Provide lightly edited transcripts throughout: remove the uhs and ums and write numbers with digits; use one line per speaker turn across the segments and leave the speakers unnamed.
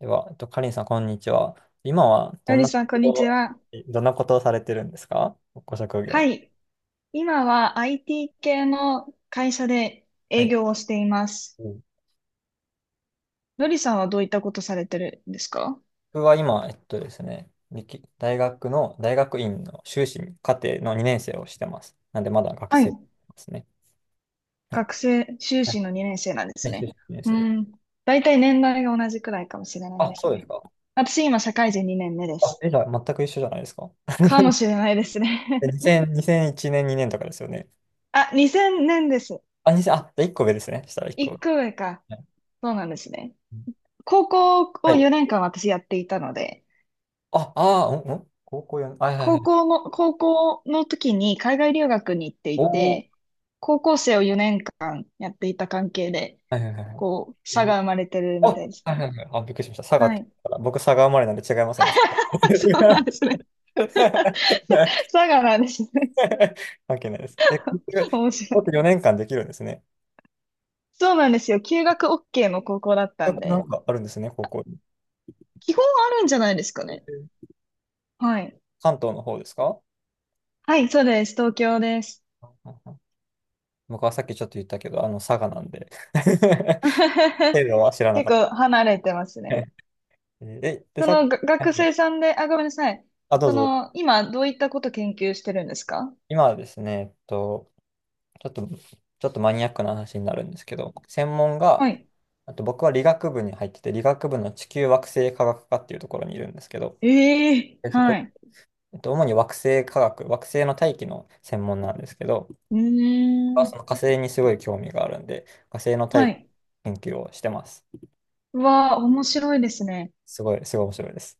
では、カリンさん、こんにちは。今は
のりさん、こんにちは。
どんなことをされてるんですか？ご職業。
はい。今は IT 系の会社で
は
営
い。
業をしています。
うん。
のりさんはどういったことされてるんですか？
僕は今、えっとですね、歴大学の、大学院の修士課程の2年生をしてます。なんで、まだ学
は
生で
い。
すね。はい。
学生、修
はい、
士の2年生なんです
はい、修
ね。
士2年
う
生で。
ん。大体年代が同じくらいかもしれない
あ、
で
そ
す
うです
ね。
か。
私、今、社会人2年目で
あ、
す。
じゃあ、全く一緒じゃないですか。
かもしれないですね。
2000、2001年、2年とかですよね？
あ、2000年です。
あ、2000、あ、じゃあ1個上ですね。したら1個
1個上か。
上。はい。
そうなんですね。高校
は
を
い、
4年間私やっていたので、
あ、あー、うん、うん、高校4、あ、はい、はい、はい。
高校の時に海外留学に行って
お
い
お、
て、高校生を4年間やっていた関係で、
はい、はい、はい、はい。
こう、差
え
が生まれてる
あ、
みたい
は
です
い、
ね。
はい、はい。あ、びっくりしました。佐賀っ
は
て言
い。
ったから。僕、佐賀生まれなんで違いますね。
そうなんで すね。差がなんですね。
関係ないです。
面白
もと
い。
4年間できるんですね。
そうなんですよ。休学 OK の高校だったん
な
で、
んかあるんですね、高校に。
基本あるんじゃないですか
え
ね。
ー。
はい。
関東の方ですか？
はい、そうです。東京です。
うん、うん、うん。僕はさっきちょっと言ったけど、佐賀なんで。程度は知らな
結
かった。
構離れてますね。
で、
そ
さっき。
のが学生さんで、あ、ごめんなさい。
あ、どう
そ
ぞ。
の、今、どういったこと研究してるんですか？
今はですね、ちょっと、ちょっとマニアックな話になるんですけど、専門が、
はい。
あと僕は理学部に入ってて、理学部の地球惑星科学科っていうところにいるんですけど、
ええ、
でそ
は
こ、
い。
主に惑星科学、惑星の大気の専門なんですけど、
う
僕
ー
はその
ん。
火星にすごい興味があるんで、火星の
は
大気
い。
研究をしてます。
うわあ、面白いですね。
すごい、すごい面白いです。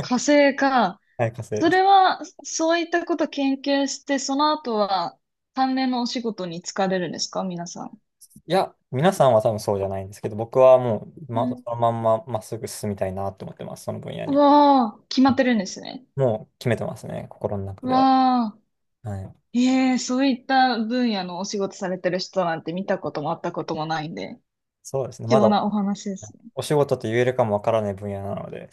火 星か。
はい、火星
そ
で
れ
す。
は、そういったこと研究して、その後は、関連のお仕事に就かれるんですか、皆さん？
いや、皆さんは多分そうじゃないんですけど、僕はもう、
う
そ
ん。
のまんままっすぐ進みたいなと思ってます、その分野
う
に。
わあ、決まってるんですね。
もう決めてますね、心の中
う
では。
わあ、
はい。
ええ、そういった分野のお仕事されてる人なんて見たこともあったこともないんで、
そうですね。
貴
まだ
重なお話です。
お仕事と言えるかもわからない分野なので。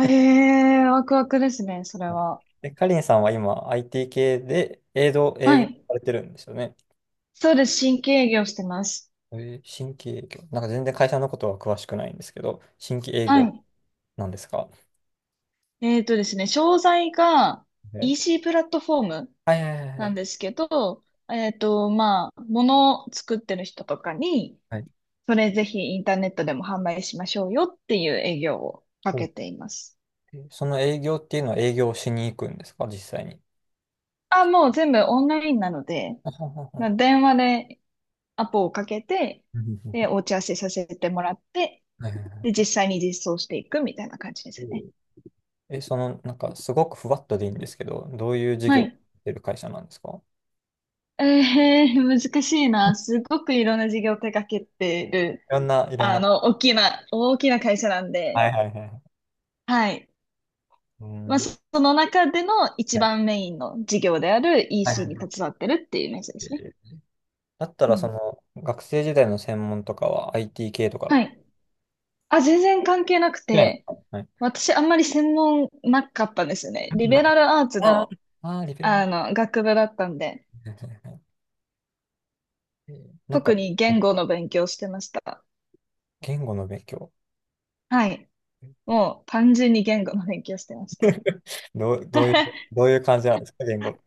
え えー、ワクワクですね、それは。
かりんさんは今 IT 系で営業、営
は
業
い。
されてるんですよね？
そうです、新規営業してます。
えー、新規営業。なんか全然会社のことは詳しくないんですけど、新規営
は
業
い。
なんですか？
ですね、商材が
ね、
EC プラットフォーム
はい、はい、はい、は
なんで
い。
すけど、まあ、物を作ってる人とかに、
はい、
それぜひインターネットでも販売しましょうよっていう営業をか
お、
けています。
その営業っていうのは営業しに行くんですか、実際に？
あ、もう全部オンラインなので、
あはは。
まあ
は
電話でアポをかけて、
うん。
で、お打ち合わせさせてもらって、
はい、はい、は
で、
い。
実際に実装していくみたいな感じですね。
その、なんかすごくふわっとでいいんですけど、どういう事
は
業をや
い。
ってる会社なんですか？
難しいな。すごくいろんな事業を手掛けてる、
いろんな、いろんな。
大きな会社なん
は
で、
い、はい、はい。
はい。
う
ま
ん。
あ、
は
その中での一番
い、
メインの事業である
はい、は
EC に
い。
携わってるっていうイメージですね。
だった
う
ら、
ん。
学生時代の専門とかは IT 系とかだっ
は
た。
い。あ、全然関係なく
はい、
て、
はい。
私あんまり専門なかったんですよね。リベラルアーツ
あ
の、
あー、リベラル。は
学部だったんで、
い、はい、はい。なん
特
か、
に言語の勉強をしてました。
言語の勉強。
はい。もう単純に言語の勉強をしてました。
どう、どういう、どういう感じなんですか、言語？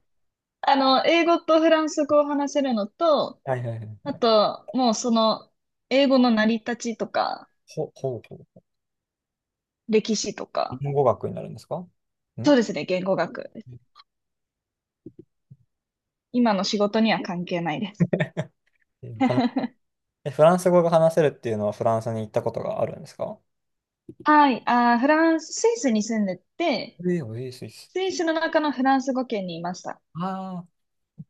英語とフランス語を話せるのと、
はい、はい、は
あ
い。
と、もうその、英語の成り立ちとか、
ほうほう。
歴史とか、
言語学になるんですか？ん
そうですね、言語学。今の仕事には関係ないです。
えー話 えフランス語が話せるっていうのはフランスに行ったことがあるんですか？
はい、フランス、スイスに住んでて、
ええー、えー、スイス。
スイスの中のフランス語圏にいました。
ああ。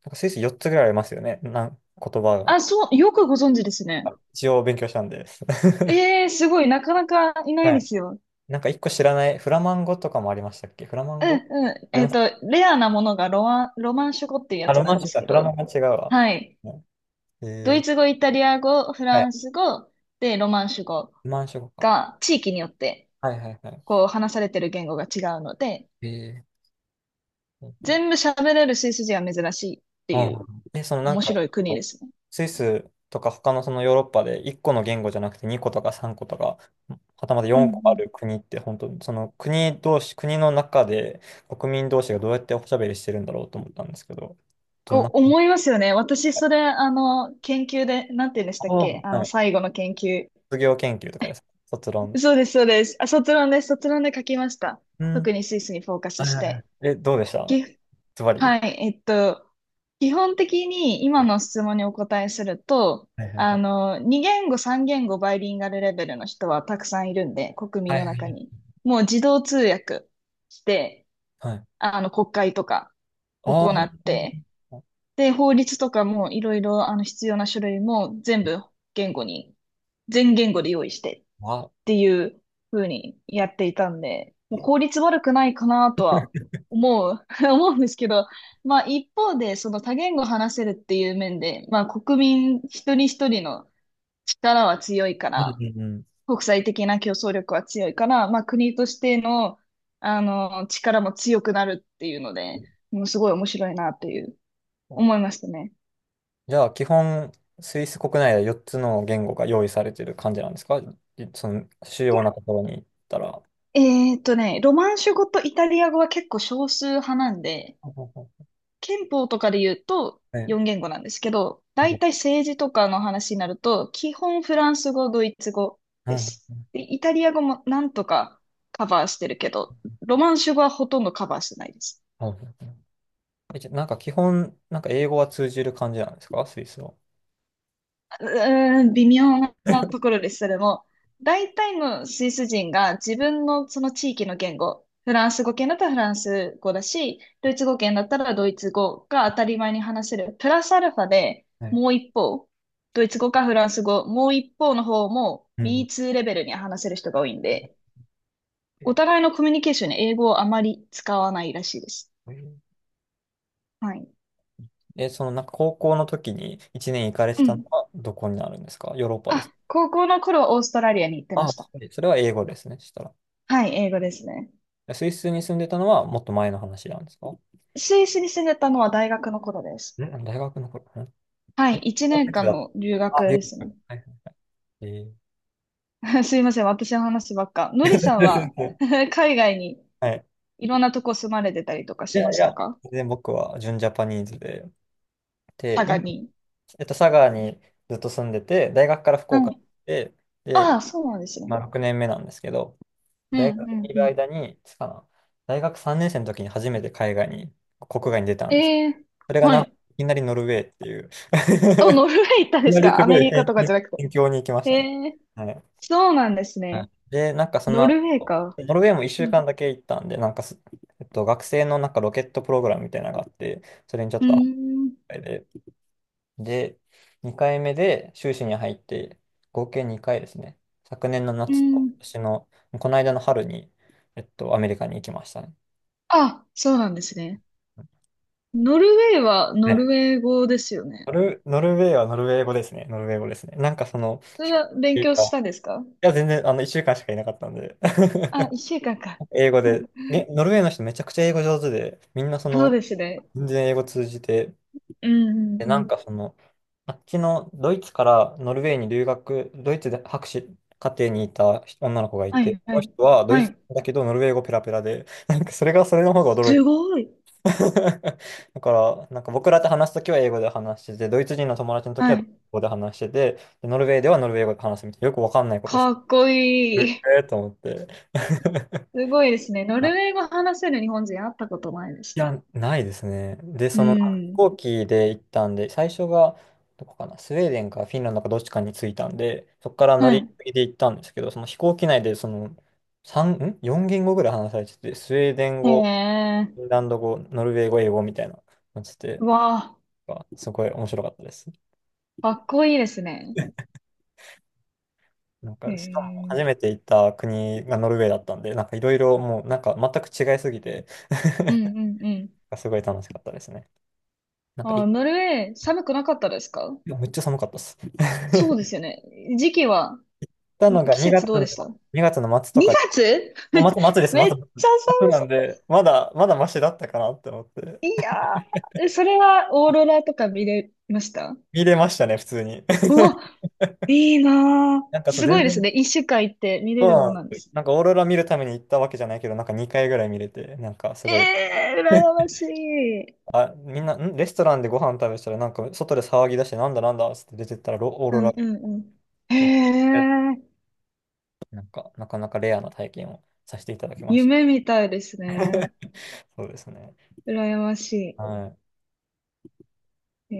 なんかスイス4つぐらいありますよね。なん、言葉
あ、
が。
そう、よくご存知です
あ、
ね。
一応勉強したんで。
ええ、すごい、なかなかいない
は
で
い。
すよ。
なんか一個知らない。フラマンゴとかもありましたっけ？フラマン
う
ゴ、
ん、うん。
あります？
レアなものがロマンシュ語っていうや
あ、
つ
ロ
な
マン
んで
シュ
す
か。
け
フラマン
ど、
ゴは違うわ。
はい。
はい。
ドイツ語、イタリア語、フ
は
ラ
い。
ンス語、で、ロマンシュ語
ロマンシュ語か。
が地域によって
はい、はい、はい。
こう話されてる言語が違うので、
えー、
全部喋れるスイス人は珍しいっ
う
ていう、
ん。その、なん
面
か、
白い国ですね。
スイスとか他のそのヨーロッパで1個の言語じゃなくて2個とか3個とか、はたまた
うん、う
4個あ
ん。
る国って本当にその国同士、国の中で国民同士がどうやっておしゃべりしてるんだろうと思ったんですけど、ど
お、
んな、
思いますよね。私、それ、研究で、なんて言うんでしたっ
あ
け、
あ、はい。
最後の研究。
卒業研究とかですか？卒論。
そうです、そうです。あ、卒論です。卒論で書きました。
う
特
ん。
にスイスにフォーカス
はい、
し
はい、はい。
て。
どうでした？
岐
ズバリ。
はい、基本的に今の質問にお答えすると、
はい、はい、はい。
2言語、3言語、バイリンガルレベルの人はたくさんいるんで、国民
はい、
の
は
中
い、
に。もう自動通訳して、
はい。
国会とか
ああ、
行
はい、
っ
は
て、
い、はい、
で、法律とかもいろいろ、必要な書類も言語に、全言語で用意してっ
あ、
ていう風にやっていたんで、も
え
う効率悪くないかなとは思う、思うんですけど、まあ一方でその多言語話せるっていう面で、まあ国民一人一人の力は強いか
うん、う
ら、
ん、うん。
国際的な競争力は強いから、まあ国としての、力も強くなるっていうので、もうすごい面白いなという
そう。
思いましたね。
じゃあ、基本、スイス国内で4つの言語が用意されてる感じなんですか？その、主
いや、
要なところに行ったら。
ロマンシュ語とイタリア語は結構少数派なんで、
ほうほう、ほ
憲法とかで言うと
う、ね、
4言語なんですけど、
う
大
ん。
体政治とかの話になると、基本フランス語、ドイツ語です。で、イタリア語もなんとかカバーしてるけど、ロマンシュ語はほとんどカバーしてないです。
はい。じゃあなんか基本、なんか英語は通じる感じなんですか？スイスは。
うーん、微妙なところです、それも。大体のスイス人が自分のその地域の言語、フランス語圏だったらフランス語だし、ドイツ語圏だったらドイツ語が当たり前に話せる。プラスアルファで
ね、
もう一方、ドイツ語かフランス語、もう一方の方も
うん、
B2 レベルには話せる人が多いんで、
え
お互いのコミュニケーションに英語をあまり使わないらしいです。はい。
え。その、なんか高校の時に1年行かれて
う
たの
ん。
はどこになるんですか？ヨーロッパです
あ、高校の頃はオーストラリアに行ってま
ああ、
した。
それは英語ですね、した
はい、英語ですね。
ら。スイスに住んでたのはもっと前の話なんですか？ん、
スイスに住んでたのは大学の頃です。
大学の頃。ん、
は
え
い、1
大
年
学
間
だ、
の留
あ、
学
留
で
学、
すね。
はい、えー
すいません、私の話ばっか。のりさんは 海外に
はい。
いろんなとこ住まれてたりとか
い
し
や
ま
い
した
や、
か？
全然僕は純ジャパニーズで、で、
佐賀
今、
に。
佐賀にずっと住んでて、大学から福岡
はい。
に行って、
あ
で、
あ、そうなんですね。
まあ、6年目なんですけど、
うん、
大
うん、
学にい
う
る
ん。
間に、いつかな、大学3年生の時に初めて海外に、国外に出たんです。
ええ、
それが、
は
い
い。
きなりノルウェーっていう。
あ、ノルウェー行ったん
い
で
きな
す
りす
か？ア
ご
メ
い
リカ
辺
とかじ
辺
ゃなく
辺
て。
境に行きましたね。
ええ、
はい。
そうなんです
はい。
ね。
で、なんかそ
ノ
の
ルウェー
後、
か。
ノルウェーも1
う
週
ん、
間だけ行ったんで、なんかす、学生のなんかロケットプログラムみたいなのがあって、それにちょっ
うー
と後
ん、
悔で、で、で2回目で修士に入って、合計2回ですね。昨年の
う
夏と今
ん。
年の、この間の春に、アメリカに行きましたね。
あ、そうなんですね。ノルウェーはノ
ね、
ルウェー語ですよね。
ノルウェーはノルウェー語ですね。ノルウェー語ですね。なんかその、
それ
飛行
は勉
機
強
が、
したんですか？
いや、全然、1週間しかいなかったんで。
あ、一週間か。
英語で、ノルウェーの人めちゃくちゃ英語上手で、みんな
そうですね。
全然英語通じて、
うん、うん、
で、
う
なん
ん。
かあっちのドイツからノルウェーに留学、ドイツで博士課程にいた女の子がい
は
て、
い、
そ
は
の
い。
人はドイ
は
ツ
い。
だけどノルウェー語ペラペラで、なんかそれが、それの方が驚
す
いた。
ごい。
だから、なんか僕らと話すときは英語で話してて、ドイツ人の友達のとき
は
はドイツ
い。
語で話してて、でノルウェーではノルウェー語で話すみたいな、よくわかんないことし
か
て
っこい
る、
い。
えーと思って。
すごいですね。ノルウェー語話せる日本人会ったことないで
い
す
や、ないですね。で、
ね。う
その飛
ん。
行機で行ったんで、最初がどこかな、スウェーデンかフィンランドかどっちかに着いたんで、そこから乗
は
り
い。
継ぎで行ったんですけど、その飛行機内で、その3、ん？ 4 言語ぐらい話されてて、スウェーデン
へ
語、
え。
フィンランド語、ノルウェー語、英語みたいなのしてて、
うわ
なんかすごい面白かったです。
あ、かっこいいですね。
なん
へ
か、しかも初
え。
めて行った国がノルウェーだったんで、なんかいろいろもうなんか全く違いすぎて。
うん、うん、うん。
すごい楽しかったですね。なんか
あ、ノルウェー寒くなかったですか？
めっちゃ寒かったです。
そうですよね。時期は、
たのが
季
2
節
月
どう
の、
でした？
2月の末と
2
か、
月
お、末、末で す、末、
めっ
末、
ちゃ
末なん
寒
で、まだ、まだマシだったかなって思って、
い。やー、それはオーロラとか見れました？
見れましたね、普通に。
う わ、いいなー。
なんかその
すご
全
いです
然、
ね。一週間行って見れ
そう
るも
な
ん
ん
な
で
ん
す
で
よ。
す。
なんかオーロラ見るために行ったわけじゃないけど、なんか2回ぐらい見れて、なんかす
え
ごい、
えー、羨ましい。うん、
あ、みんな、レストランでご飯食べてたら、なんか外で騒ぎ出して、なんだなんだっつって出てったら、ロオー
う
ロラ
ん、
が、
うん。へえ、
なんか、なかなかレアな体験をさせていただきました。
夢みたいですね。
そうですね。
羨まし
は
い。
い。
え